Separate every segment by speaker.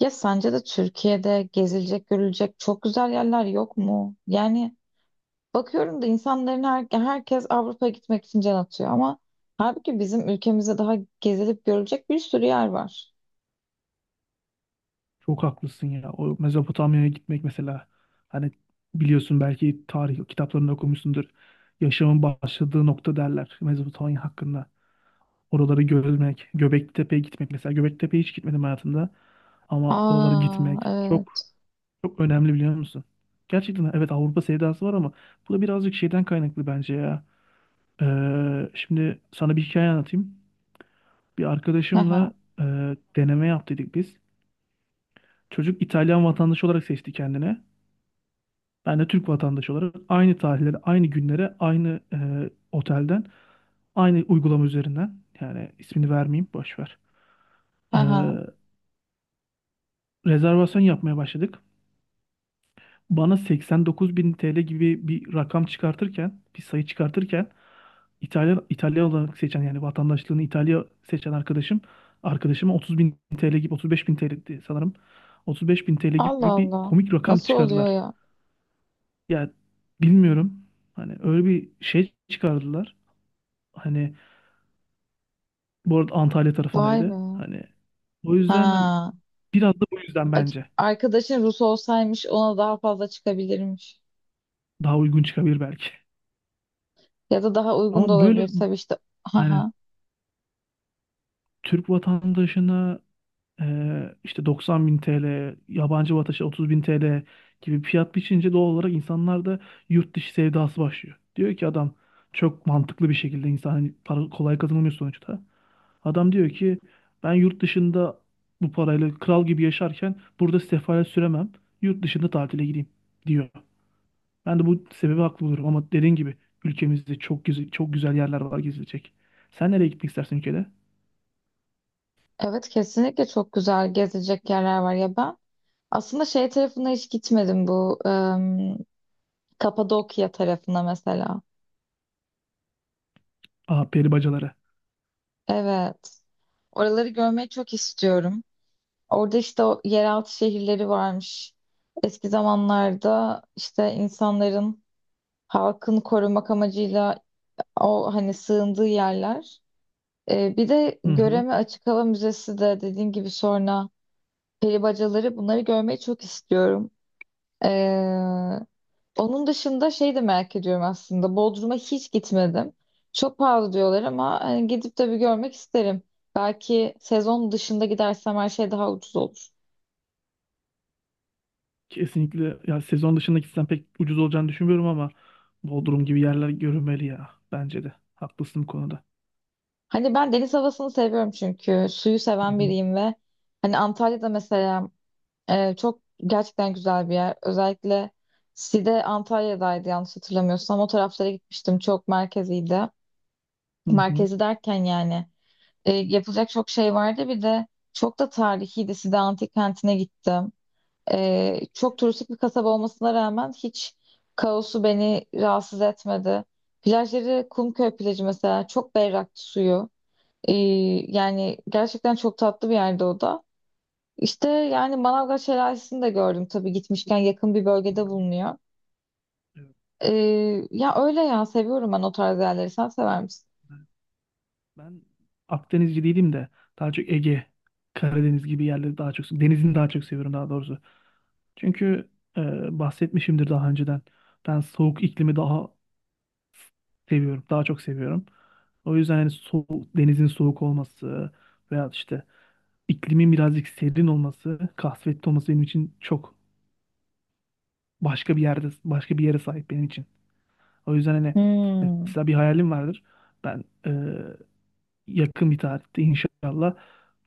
Speaker 1: Ya sence de Türkiye'de gezilecek, görülecek çok güzel yerler yok mu? Yani bakıyorum da insanların herkes Avrupa'ya gitmek için can atıyor ama halbuki bizim ülkemizde daha gezilip görülecek bir sürü yer var.
Speaker 2: Çok haklısın ya. O Mezopotamya'ya gitmek mesela, hani biliyorsun, belki tarih kitaplarında okumuşsundur. Yaşamın başladığı nokta derler Mezopotamya hakkında. Oraları görmek, Göbeklitepe'ye gitmek mesela. Göbeklitepe'ye hiç gitmedim hayatımda ama oralara
Speaker 1: Aa,
Speaker 2: gitmek çok
Speaker 1: evet.
Speaker 2: çok önemli, biliyor musun? Gerçekten evet, Avrupa sevdası var ama bu da birazcık şeyden kaynaklı bence ya. Şimdi sana bir hikaye anlatayım. Bir
Speaker 1: Haha,
Speaker 2: arkadaşımla e, deneme yaptıydık biz. Çocuk İtalyan vatandaşı olarak seçti kendini. Ben de Türk vatandaşı olarak aynı tarihlere, aynı günlere, aynı otelden, aynı uygulama üzerinden, yani ismini vermeyeyim, boş ver. E,
Speaker 1: haha.
Speaker 2: Rezervasyon yapmaya başladık. Bana 89 bin TL gibi bir rakam çıkartırken, bir sayı çıkartırken, İtalya, İtalya olarak seçen, yani vatandaşlığını İtalya seçen arkadaşıma 30 bin TL gibi, 35 bin TL'di sanırım. 35 bin TL
Speaker 1: Allah
Speaker 2: gibi bir
Speaker 1: Allah.
Speaker 2: komik rakam
Speaker 1: Nasıl oluyor
Speaker 2: çıkardılar.
Speaker 1: ya?
Speaker 2: Ya bilmiyorum. Hani öyle bir şey çıkardılar. Hani bu arada Antalya
Speaker 1: Vay be.
Speaker 2: tarafındaydı. Hani o yüzden, hani
Speaker 1: Ha.
Speaker 2: biraz da bu yüzden
Speaker 1: A-
Speaker 2: bence
Speaker 1: Arkadaşın Rus olsaymış ona daha fazla çıkabilirmiş.
Speaker 2: daha uygun çıkabilir belki.
Speaker 1: Ya da daha uygun da
Speaker 2: Ama böyle
Speaker 1: olabilir tabii işte.
Speaker 2: aynen,
Speaker 1: Aha.
Speaker 2: Türk vatandaşına işte 90 bin TL, yabancı vatandaşı 30 bin TL gibi fiyat biçince doğal olarak insanlarda yurt dışı sevdası başlıyor. Diyor ki adam, çok mantıklı bir şekilde, insan hani para kolay kazanılmıyor sonuçta. Adam diyor ki ben yurt dışında bu parayla kral gibi yaşarken burada sefalet süremem. Yurt dışında tatile gideyim diyor. Ben de bu sebebi haklı buluyorum ama dediğin gibi ülkemizde çok güzel, çok güzel yerler var gezilecek. Sen nereye gitmek istersin ülkede?
Speaker 1: Evet, kesinlikle çok güzel gezecek yerler var ya ben. Aslında şey tarafına hiç gitmedim, bu Kapadokya tarafına mesela.
Speaker 2: Aha, peri bacaları.
Speaker 1: Evet. Oraları görmeyi çok istiyorum. Orada işte o yeraltı şehirleri varmış. Eski zamanlarda işte insanların halkın korumak amacıyla o hani sığındığı yerler. Bir de
Speaker 2: Hı hı.
Speaker 1: Göreme Açık Hava Müzesi de dediğin gibi sonra peri bacaları bunları görmeyi çok istiyorum. Ee, Onun dışında şey de merak ediyorum aslında. Bodrum'a hiç gitmedim. Çok pahalı diyorlar ama hani gidip de bir görmek isterim. Belki sezon dışında gidersem her şey daha ucuz olur.
Speaker 2: Kesinlikle ya, sezon dışında gitsem pek ucuz olacağını düşünmüyorum ama Bodrum gibi yerler görünmeli ya, bence de. Haklısın bu konuda.
Speaker 1: Hani ben deniz havasını seviyorum çünkü. Suyu
Speaker 2: Hı
Speaker 1: seven
Speaker 2: hı.
Speaker 1: biriyim ve hani Antalya'da mesela, çok gerçekten güzel bir yer. Özellikle Side Antalya'daydı yanlış hatırlamıyorsam. O taraflara gitmiştim. Çok merkeziydi.
Speaker 2: Hı hı.
Speaker 1: Merkezi derken yani, yapılacak çok şey vardı. Bir de çok da tarihiydi. Side Antik Kenti'ne gittim. Çok turistik bir kasaba olmasına rağmen hiç kaosu beni rahatsız etmedi. Plajları Kumköy plajı mesela çok berraktı suyu. Ee, Yani gerçekten çok tatlı bir yerde o da. İşte yani Manavgat Şelalesi'ni de gördüm tabii gitmişken yakın bir
Speaker 2: Hı
Speaker 1: bölgede
Speaker 2: hı.
Speaker 1: bulunuyor.
Speaker 2: Evet.
Speaker 1: Ee, Ya öyle ya, seviyorum ben o tarz yerleri. Sen sever misin?
Speaker 2: Ben Akdenizci değilim de daha çok Ege, Karadeniz gibi yerleri, daha çok denizini daha çok seviyorum, daha doğrusu. Çünkü bahsetmişimdir daha önceden. Ben soğuk iklimi daha seviyorum, daha çok seviyorum. O yüzden hani soğuk, denizin soğuk olması veya işte iklimin birazcık serin olması, kasvetli olması benim için çok başka bir yerde, başka bir yere sahip benim için. O yüzden hani
Speaker 1: Hmm.
Speaker 2: mesela bir hayalim vardır. Ben yakın bir tarihte inşallah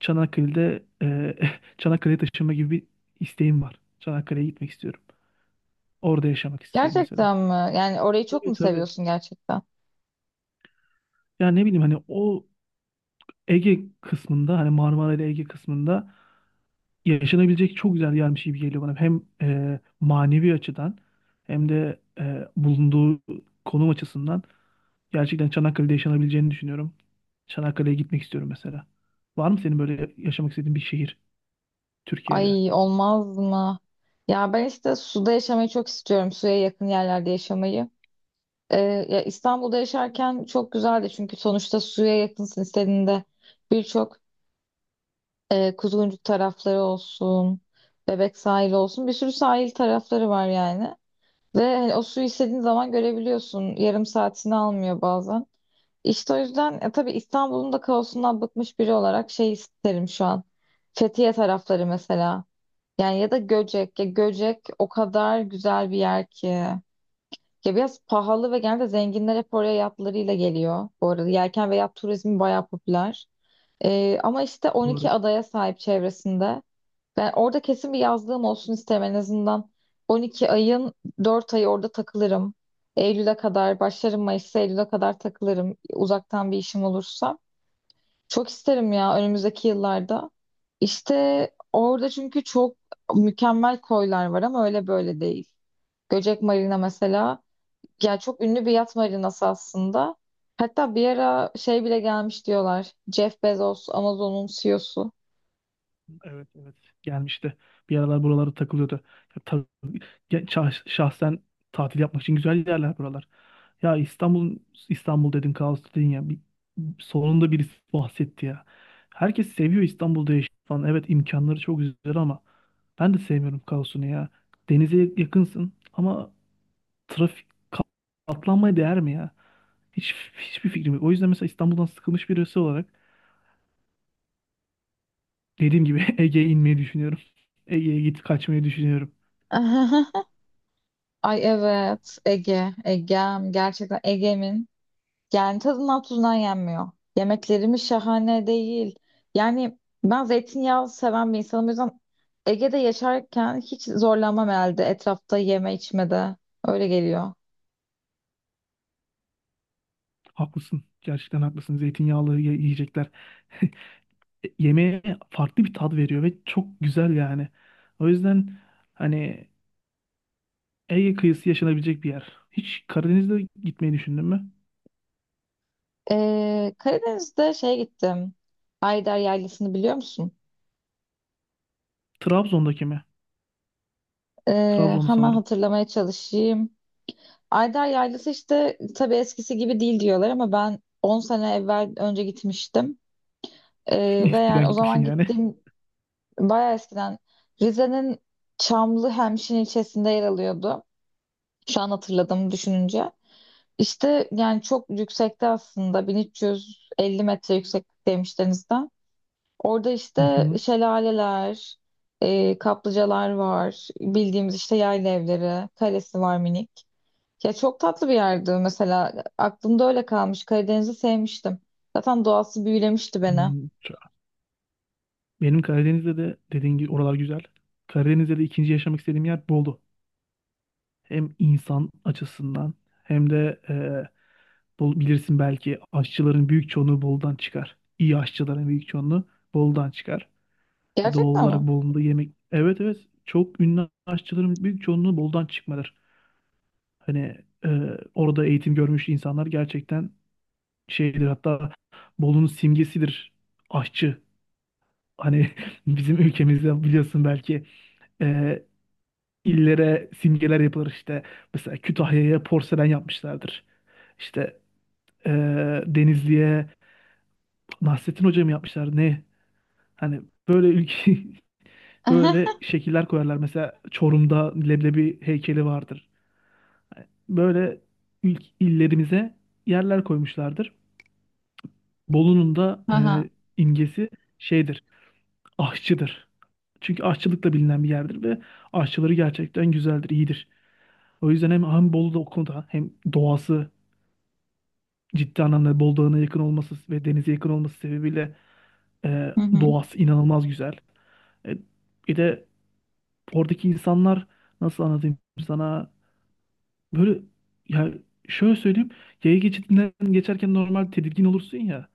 Speaker 2: Çanakkale'de Çanakkale'ye taşınma gibi bir isteğim var. Çanakkale'ye gitmek istiyorum. Orada yaşamak istiyorum mesela.
Speaker 1: Gerçekten mi? Yani orayı çok
Speaker 2: Tabii
Speaker 1: mu
Speaker 2: tabii.
Speaker 1: seviyorsun gerçekten?
Speaker 2: Yani ne bileyim, hani o Ege kısmında, hani Marmara ile Ege kısmında yaşanabilecek çok güzel yermiş gibi geliyor bana. Hem manevi açıdan hem de bulunduğu konum açısından gerçekten Çanakkale'de yaşanabileceğini düşünüyorum. Çanakkale'ye gitmek istiyorum mesela. Var mı senin böyle yaşamak istediğin bir şehir Türkiye'de?
Speaker 1: Ay, olmaz mı? Ya ben işte suda yaşamayı çok istiyorum. Suya yakın yerlerde yaşamayı. Ee, Ya İstanbul'da yaşarken çok güzeldi çünkü sonuçta suya yakınsın, istediğinde birçok Kuzguncuk tarafları olsun, Bebek sahili olsun, bir sürü sahil tarafları var yani. Ve hani o suyu istediğin zaman görebiliyorsun. Yarım saatini almıyor bazen. İşte o yüzden tabii İstanbul'un da kaosundan bıkmış biri olarak şey isterim şu an. Fethiye tarafları mesela. Yani ya da Göcek. Ya Göcek o kadar güzel bir yer ki. Ya biraz pahalı ve genelde zenginler hep oraya yatlarıyla geliyor. Bu arada yelken ve yat turizmi bayağı popüler. Ama işte
Speaker 2: Doğru.
Speaker 1: 12 adaya sahip çevresinde. Ben orada kesin bir yazlığım olsun isterim en azından. 12 ayın 4 ayı orada takılırım. Eylül'e kadar başlarım, Mayıs'ta Eylül'e kadar takılırım. Uzaktan bir işim olursa. Çok isterim ya önümüzdeki yıllarda. İşte orada çünkü çok mükemmel koylar var, ama öyle böyle değil. Göcek Marina mesela, ya çok ünlü bir yat marinası aslında. Hatta bir ara şey bile gelmiş diyorlar. Jeff Bezos, Amazon'un CEO'su.
Speaker 2: Evet evet, gelmişti. Bir aralar buralara takılıyordu. Ya, ya şahsen tatil yapmak için güzel yerler buralar. Ya İstanbul İstanbul dedin, kaos dedin ya. Bir, sonunda birisi bahsetti ya. Herkes seviyor İstanbul'da yaşamayı falan. Evet, imkanları çok güzel ama ben de sevmiyorum kaosunu ya. Denize yakınsın ama trafik, ka- katlanmaya değer mi ya? Hiç hiçbir fikrim yok. O yüzden mesela İstanbul'dan sıkılmış birisi olarak, dediğim gibi Ege'ye inmeyi düşünüyorum. Ege'ye git kaçmayı düşünüyorum.
Speaker 1: Ay evet, Ege, Egem. Gerçekten Ege'min. Yani tadından tuzundan yenmiyor. Yemeklerimiz şahane değil. Yani ben zeytinyağı seven bir insanım. O yüzden Ege'de yaşarken hiç zorlanmam herhalde etrafta yeme içmede. Öyle geliyor.
Speaker 2: Haklısın. Gerçekten haklısın. Zeytinyağlı yiyecekler yemeğe farklı bir tat veriyor ve çok güzel yani. O yüzden hani Ege kıyısı yaşanabilecek bir yer. Hiç Karadeniz'de gitmeyi düşündün mü?
Speaker 1: Karadeniz'de şey gittim. Ayder Yaylası'nı biliyor musun?
Speaker 2: Trabzon'daki mi? Trabzon'da
Speaker 1: Hemen
Speaker 2: sanırım.
Speaker 1: hatırlamaya çalışayım. Ayder Yaylası işte tabii eskisi gibi değil diyorlar ama ben 10 sene evvel önce gitmiştim. Ve yani
Speaker 2: Eskiden
Speaker 1: o
Speaker 2: gitmişsin
Speaker 1: zaman
Speaker 2: yani.
Speaker 1: gittiğim bayağı eskiden Rize'nin Çamlı Hemşin ilçesinde yer alıyordu. Şu an hatırladım düşününce. İşte yani çok yüksekte, aslında 1350 metre yükseklikteymiş denizden. Orada
Speaker 2: Hı
Speaker 1: işte
Speaker 2: hı.
Speaker 1: şelaleler, kaplıcalar var. Bildiğimiz işte yayla evleri, kalesi var minik. Ya çok tatlı bir yerdi mesela. Aklımda öyle kalmış. Karadeniz'i sevmiştim. Zaten doğası büyülemişti beni.
Speaker 2: Hmm, benim Karadeniz'de de dediğin gibi oralar güzel. Karadeniz'de de ikinci yaşamak istediğim yer Bolu. Hem insan açısından hem de bilirsin belki aşçıların büyük çoğunluğu Bolu'dan çıkar. İyi aşçıların büyük çoğunluğu Bolu'dan çıkar. E, doğal
Speaker 1: Gerçekten mi?
Speaker 2: olarak Bolu'nda yemek... Evet evet, çok ünlü aşçıların büyük çoğunluğu Bolu'dan çıkmadır. Hani e, orada eğitim görmüş insanlar gerçekten şeydir, hatta Bolu'nun simgesidir aşçı. Hani bizim ülkemizde biliyorsun belki e, illere simgeler yapılır işte. Mesela Kütahya'ya porselen yapmışlardır. İşte e, Denizli'ye Nasrettin Hoca mı yapmışlar ne? Hani böyle ülke böyle şekiller koyarlar. Mesela Çorum'da leblebi heykeli vardır. Hani böyle ilk illerimize yerler koymuşlardır. Bolu'nun da
Speaker 1: Aha.
Speaker 2: imgesi şeydir, aşçıdır. Çünkü aşçılıkla bilinen bir yerdir ve aşçıları gerçekten güzeldir, iyidir. O yüzden hem Bolu'da o konuda hem doğası, ciddi anlamda Bolu Dağı'na yakın olması ve denize yakın olması sebebiyle e,
Speaker 1: Hı hı.
Speaker 2: doğası inanılmaz güzel. E, Bir de oradaki insanlar, nasıl anlatayım sana, böyle ya, şöyle söyleyeyim, yaya geçidinden geçerken normal tedirgin olursun ya,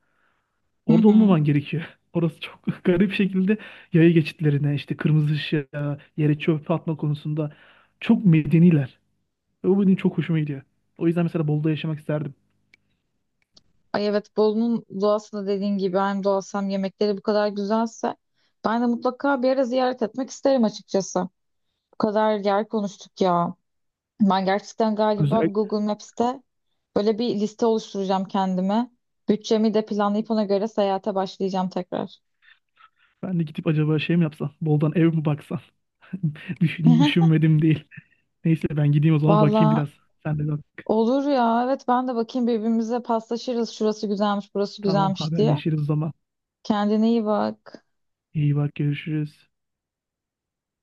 Speaker 1: Hı
Speaker 2: orada
Speaker 1: hı.
Speaker 2: olmaman gerekiyor. Orası çok garip şekilde yaya geçitlerine, işte kırmızı ışığa, yere çöp atma konusunda çok medeniler. Ve bu benim çok hoşuma gidiyor. O yüzden mesela Bolu'da yaşamak isterdim.
Speaker 1: Ay evet, Bolu'nun doğası da dediğin gibi hem doğası hem yemekleri bu kadar güzelse ben de mutlaka bir ara ziyaret etmek isterim açıkçası. Bu kadar yer konuştuk ya. Ben gerçekten galiba bu
Speaker 2: Özellikle
Speaker 1: Google Maps'te böyle bir liste oluşturacağım kendime. Bütçemi de planlayıp ona göre seyahate başlayacağım tekrar.
Speaker 2: ben de gidip acaba şey mi yapsam? Boldan ev mi baksam? Düşünmedim değil. Neyse ben gideyim o zaman, bakayım
Speaker 1: Valla
Speaker 2: biraz. Sen de bak.
Speaker 1: olur ya. Evet, ben de bakayım, birbirimize paslaşırız. Şurası güzelmiş, burası
Speaker 2: Tamam,
Speaker 1: güzelmiş diye.
Speaker 2: haberleşiriz o zaman.
Speaker 1: Kendine iyi bak.
Speaker 2: İyi bak, görüşürüz.